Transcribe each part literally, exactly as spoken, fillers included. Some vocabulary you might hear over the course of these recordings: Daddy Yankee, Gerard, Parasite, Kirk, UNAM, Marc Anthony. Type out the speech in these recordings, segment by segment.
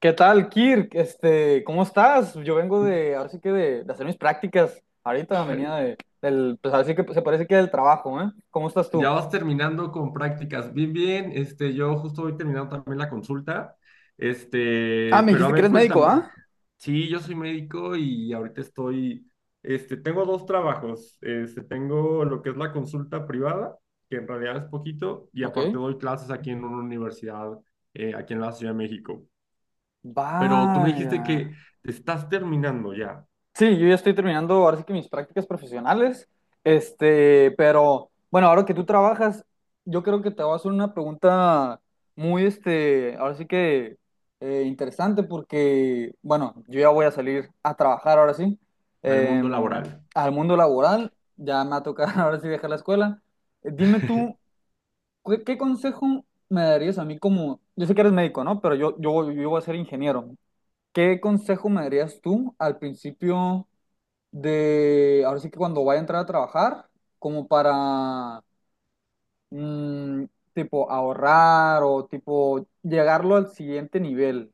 ¿Qué tal, Kirk? Este, ¿cómo estás? Yo vengo de, ahora sí que de, de hacer mis prácticas. Ahorita venía de, del, pues ahora sí que se parece que del trabajo, ¿eh? ¿Cómo estás Ya tú? vas terminando con prácticas. Bien, bien. Este, yo justo voy terminando también la consulta. Ah, Este, me Pero a dijiste que ver, eres médico, cuéntame. ¿ah? Sí, yo soy médico y ahorita estoy, este, tengo dos trabajos. Este, tengo lo que es la consulta privada, que en realidad es poquito, y Ok. aparte doy clases aquí en una universidad, eh, aquí en la Ciudad de México. Pero tú me dijiste Vaya. que te estás terminando ya Sí, yo ya estoy terminando ahora sí que mis prácticas profesionales, este, pero bueno, ahora que tú trabajas, yo creo que te voy a hacer una pregunta muy, este, ahora sí que eh, interesante porque, bueno, yo ya voy a salir a trabajar ahora sí, al mundo em, laboral. al mundo laboral, ya me va a tocar ahora sí dejar la escuela. Eh, Dime tú, ¿qué, ¿qué consejo me darías a mí como, yo sé que eres médico, ¿no? Pero yo, yo, yo voy a ser ingeniero. ¿Qué consejo me darías tú al principio? De, ahora sí que cuando vaya a entrar a trabajar, como para, mm, tipo, ahorrar o tipo, llegarlo al siguiente nivel.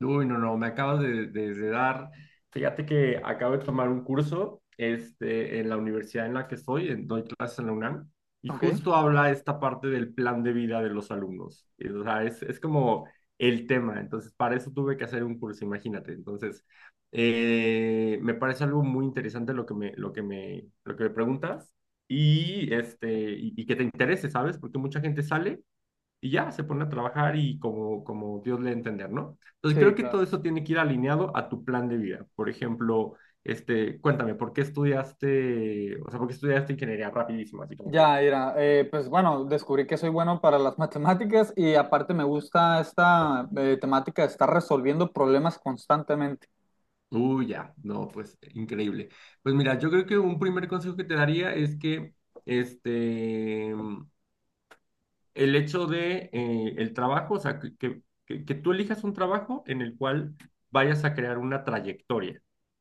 Uy, no, no, me acabas de, de- de dar. Fíjate que acabo de tomar un curso este, en la universidad en la que estoy, en, doy clases en la UNAM, y Ok. justo habla esta parte del plan de vida de los alumnos. Y, O sea, es, es como el tema. Entonces, para eso tuve que hacer un curso, imagínate. Entonces, eh, me parece algo muy interesante lo que me, lo que me, lo que me preguntas y, este, y, y que te interese, ¿sabes? Porque mucha gente sale y ya se pone a trabajar y como, como Dios le entender, ¿no? Entonces Sí, creo que claro. todo eso tiene que ir alineado a tu plan de vida. Por ejemplo, este, cuéntame, ¿por qué estudiaste, o sea, por qué estudiaste ingeniería rapidísimo? Así como que, Ya, era, pues bueno, descubrí que soy bueno para las matemáticas y aparte me gusta esta eh, temática de estar resolviendo problemas constantemente. uy, ya, no, pues increíble. Pues mira, yo creo que un primer consejo que te daría es que, este, el hecho de eh, el trabajo, o sea, que, que, que- tú elijas un trabajo en el cual vayas a crear una trayectoria.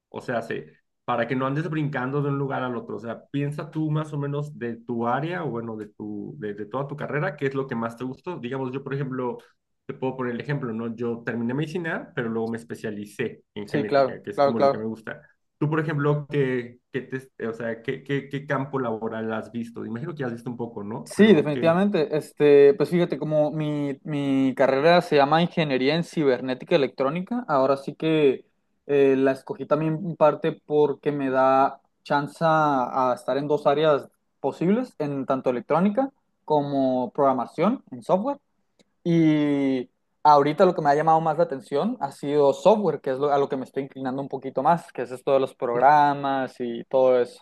O sea, se- para que no andes brincando de un lugar al otro. O sea, piensa tú más o menos de tu área o bueno, de tu, de, de toda tu carrera, qué es lo que más te gustó. Digamos, yo, por ejemplo, te puedo poner el ejemplo, ¿no? Yo terminé medicina, pero luego me especialicé en Sí, claro, genética, que es claro, como lo que claro. me gusta. Tú, por ejemplo, ¿qué, qué te- o sea, qué, qué, ¿qué campo laboral has visto? Imagino que has visto un poco, ¿no? Sí, Pero ¿qué, definitivamente. Este, pues fíjate, como mi, mi carrera se llama Ingeniería en Cibernética Electrónica, ahora sí que eh, la escogí también en parte porque me da chance a, a estar en dos áreas posibles, en tanto electrónica como programación en software. Y ahorita lo que me ha llamado más la atención ha sido software, que es lo- a lo que me estoy inclinando un poquito más, que es esto de los programas y todo eso.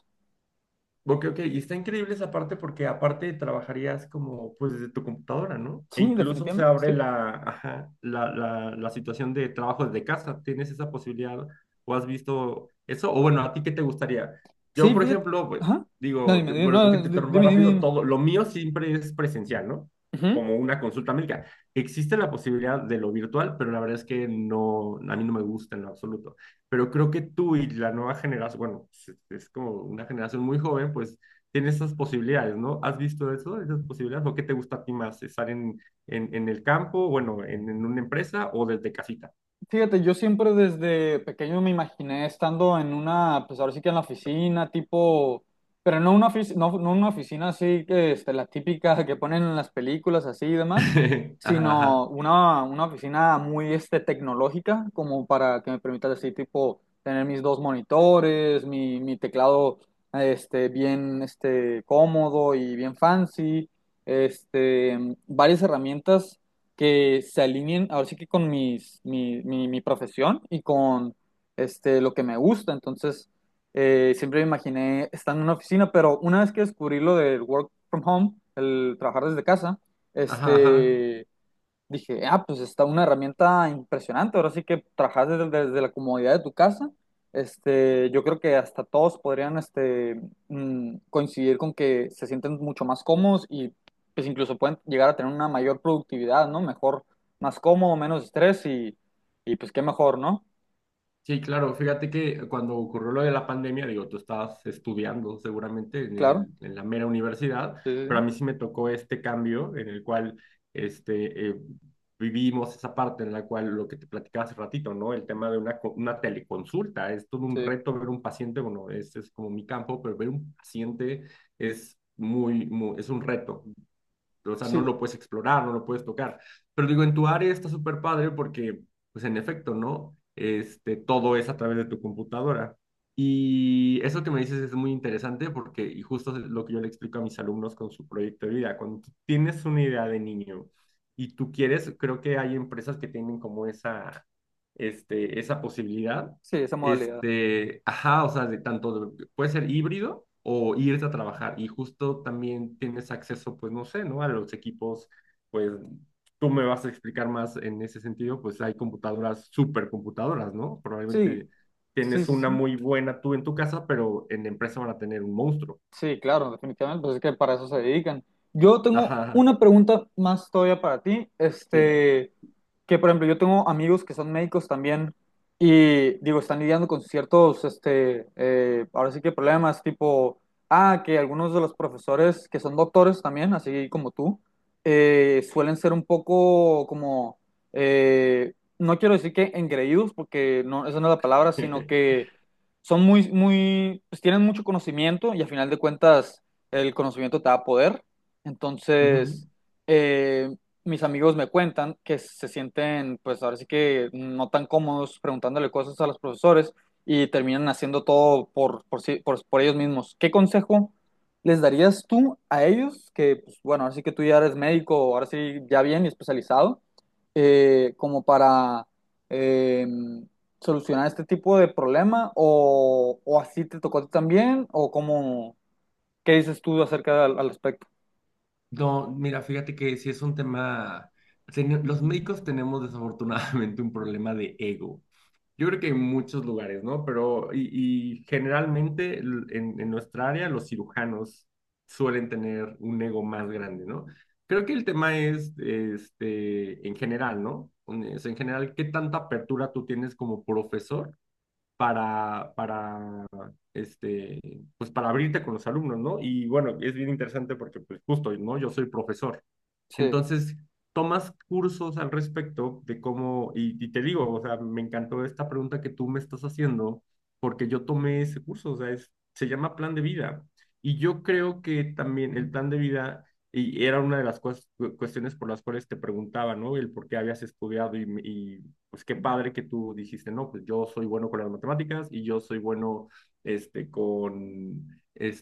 ok, ok, y está increíble esa parte porque aparte trabajarías como pues desde tu computadora, ¿no? E Sí, incluso se definitivamente, abre sí. la, ajá, la, la, la situación de trabajo desde casa. ¿Tienes esa posibilidad o has visto eso? O bueno, ¿a ti qué te gustaría? Yo, Sí, por fíjate. ejemplo, pues, Ajá. No, digo, dime, que- dime, perdón que te no, di- interrumpa dime, rápido, dime, todo, lo mío siempre es presencial, ¿no? dime. Como una consulta médica. Existe la posibilidad de lo virtual, pero la verdad es que no, a mí no me gusta en lo absoluto, pero creo que tú y la nueva generación, bueno, es, es como una generación muy joven, pues tiene esas posibilidades, ¿no? ¿Has visto eso, esas posibilidades? ¿O qué te gusta a ti más? ¿Estar en, en, en el campo, bueno, en, en una empresa o desde casita? Fíjate, yo siempre desde pequeño me imaginé estando en una, pues ahora sí que en la oficina, tipo, pero no una oficina, no, no una oficina así que este, la típica que ponen en las películas así y demás, Ajá, sino ajá, una, una oficina muy este, tecnológica, como para que me permita así, tipo, tener mis dos monitores, mi, mi teclado este, bien este, cómodo y bien fancy, este, varias herramientas que se alineen ahora sí que con mis, mi, mi, mi profesión y con este, lo que me gusta. Entonces, eh, siempre me imaginé estar en una oficina, pero una vez que descubrí lo del work from home, el trabajar desde casa, ajá, ajá. este, dije, ah, pues está una herramienta impresionante. Ahora sí que trabajas desde, desde la comodidad de tu casa. Este, yo creo que hasta todos podrían, este, mm, coincidir con que se sienten mucho más cómodos y, pues, incluso pueden llegar a tener una mayor productividad, ¿no? Mejor, más cómodo, menos estrés y, y pues, qué mejor, ¿no? Sí, claro, fíjate que cuando ocurrió lo de la pandemia, digo, tú estabas estudiando seguramente en Claro. el- en la mera universidad, Sí, pero sí, a mí sí me tocó este cambio en el cual este, eh, vivimos esa parte en la cual lo que te platicaba hace ratito, ¿no? El tema de una, co- una teleconsulta, es todo un sí. reto ver un paciente, bueno, ese es como mi campo, pero ver un paciente es muy, muy es un reto, o sea, Sí, no sí, lo puedes explorar, no lo puedes tocar. Pero digo, en tu área está súper padre porque, pues en efecto, ¿no? Este, todo es a través de tu computadora. Y eso que me dices es muy interesante porque, y justo es lo que yo le explico a mis alumnos con su proyecto de vida, cuando tú tienes una idea de niño y tú quieres, creo que hay empresas que tienen como esa, este, esa posibilidad, sí, esa modalidad. este, ajá, o sea, de tanto, de- puede ser híbrido o irte a trabajar y justo también tienes acceso, pues no sé, ¿no? A los equipos, pues tú me vas a explicar más en ese sentido, pues hay computadoras, supercomputadoras, ¿no? Sí, Probablemente sí, tienes sí, una sí. muy buena tú en tu casa, pero en la empresa van a tener un monstruo. Sí, claro, definitivamente, pues es que para eso se dedican. Yo tengo Ajá, ajá, una pregunta más todavía para ti, dime. este, que por ejemplo yo tengo amigos que son médicos también y digo, están lidiando con ciertos, este, eh, ahora sí que problemas tipo, ah, que algunos de los profesores que son doctores también, así como tú, eh, suelen ser un poco como, eh, no quiero decir que engreídos, porque no, esa no es la palabra, sino que son muy, muy, pues tienen mucho conocimiento y a final de cuentas el conocimiento te da poder. Ujú. Entonces, eh, mis amigos me cuentan que se sienten, pues ahora sí que no tan cómodos preguntándole cosas a los profesores y terminan haciendo todo por, por, sí- por- por ellos mismos. ¿Qué consejo les darías tú a ellos? Que, pues, bueno, ahora sí que tú ya eres médico, ahora sí ya bien y especializado, eh, como para... em, solucionar este tipo de problema o, o así te tocó a ti también o cómo, ¿qué dices tú acerca del al aspecto? No, mira, fíjate que si es un tema, teni- los médicos tenemos desafortunadamente un problema de ego. Yo creo que en muchos lugares, ¿no? Pero, y, y generalmente l- en, en nuestra área los cirujanos suelen tener un ego más grande, ¿no? Creo que el tema es, este, en general, ¿no? Un- Es en general, ¿qué tanta apertura tú tienes como profesor para, para, este, pues para abrirte con los alumnos, ¿no? Y bueno, es bien interesante porque, pues justo, ¿no? Yo soy profesor. Sí, Entonces, tomas cursos al respecto de cómo, y, y te digo, o sea, me encantó esta pregunta que tú me estás haciendo, porque yo tomé ese curso, o sea, es, se llama plan de vida. Y yo creo que también el plan de vida, y era una de las cues- cuestiones por las cuales te preguntaba, ¿no? El por qué habías estudiado y, y pues qué padre que tú dijiste, no, pues yo soy bueno con las matemáticas y yo soy bueno, este, con,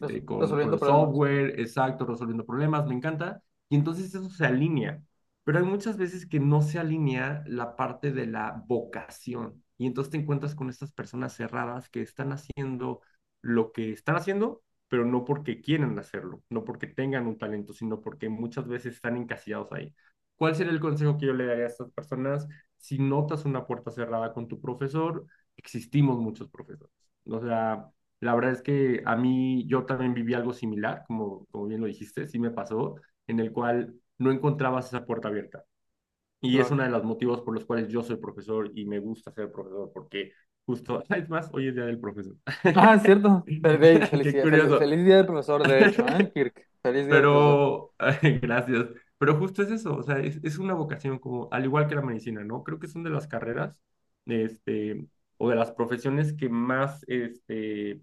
res- con, con resolviendo los problemas. software, exacto, resolviendo problemas, me encanta y entonces eso se alinea. Pero hay muchas veces que no se alinea la parte de la vocación y entonces te encuentras con estas personas cerradas que están haciendo lo que están haciendo, pero no porque quieren hacerlo, no porque tengan un talento, sino porque muchas veces están encasillados ahí. ¿Cuál sería el consejo que yo le daría a estas personas? Si notas una puerta cerrada con tu profesor, existimos muchos profesores. O sea, la verdad es que a mí yo también viví algo similar, como, como bien lo dijiste, sí me pasó en el cual no encontrabas esa puerta abierta. Y es Claro. uno de los motivos por los cuales yo soy profesor y me gusta ser profesor, porque justo, es más, hoy es día del profesor. Ah, es cierto. Pero, güey, Qué felicidad- fel- curioso. feliz día del profesor, de hecho, ¿eh, Kirk? Feliz día del profesor. Pero, gracias. Pero justo es eso, o sea, es, es, una vocación como, al igual que la medicina, ¿no? Creo que son de las carreras, este, o de las profesiones que más, este,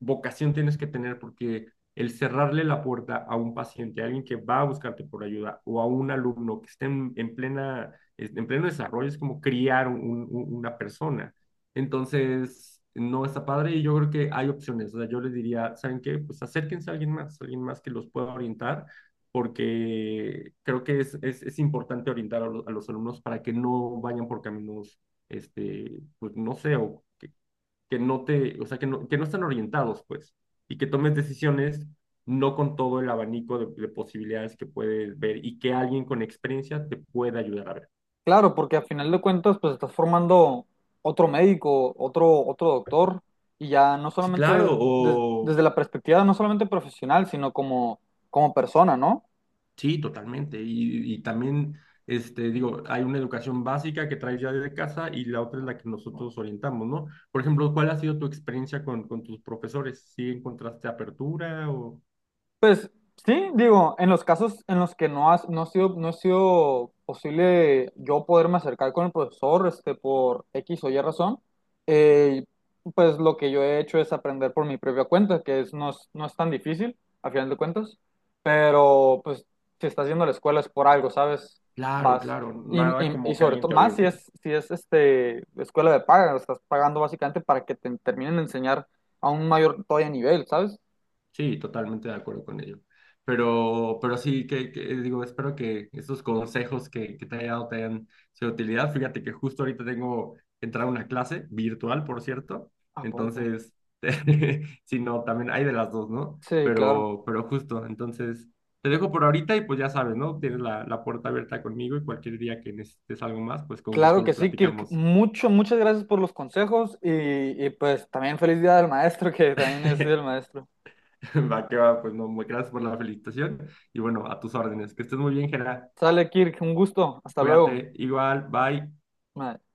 vocación tienes que tener porque el cerrarle la puerta a un paciente, a alguien que va a buscarte por ayuda o a un alumno que esté en, en plena, en pleno desarrollo es como criar un, un, una persona. Entonces, no está padre y yo creo que hay opciones. O sea, yo les diría, ¿saben qué? Pues acérquense a alguien más, a alguien más que los pueda orientar porque creo que es, es, es importante orientar a los, a los, alumnos para que no vayan por caminos, este, pues no sé, o que, que no te, o sea, que no, que no están orientados, pues, y que tomes decisiones no con todo el abanico de, de posibilidades que puedes ver y que alguien con experiencia te pueda ayudar a ver. Claro, porque a final de cuentas, pues estás formando otro médico, otro, otro doctor, y ya no Sí, solamente claro, des- des- o desde la perspectiva, no solamente profesional, sino como, como persona, ¿no? sí, totalmente. Y, y también, este, digo, hay una educación básica que traes ya desde casa y la otra es la que nosotros orientamos, ¿no? Por ejemplo, ¿cuál ha sido tu experiencia con, con tus profesores? ¿Sí encontraste apertura o...? Pues sí, digo, en los casos en los que no has, no ha sido, no ha sido posible yo poderme acercar con el profesor, este, por X o Y razón, eh, pues lo que yo he hecho es aprender por mi propia cuenta, que es, no es, no es tan difícil, a final de cuentas, pero pues si estás yendo a la escuela es por algo, ¿sabes? Claro, Vas. claro, Y, nada y- y como que sobre alguien todo, te más si oriente. es, si es este, escuela de paga, estás pagando básicamente para que te terminen de enseñar a un mayor todavía nivel, ¿sabes? Sí, totalmente de acuerdo con ello. Pero, pero sí, que, que, digo, espero que estos consejos que, que te haya dado te hayan sido de utilidad. Fíjate que justo ahorita tengo que entrar a una clase virtual, por cierto. ¿A poco? Entonces, si no, también hay de las dos, ¿no? Sí, claro. Pero, pero justo, entonces, te dejo por ahorita y pues ya sabes, ¿no? Tienes la, la puerta abierta conmigo y cualquier día que necesites algo más, pues con gusto Claro que lo sí, Kirk. platicamos. Mucho, muchas gracias por los consejos y, y pues también feliz día del maestro, que también es día del maestro. Va que va, pues no, gracias por la felicitación y bueno, a tus órdenes. Que estés muy bien, Gerard. Sale, Kirk, un gusto. Hasta luego. Cuídate, igual, bye. Bye.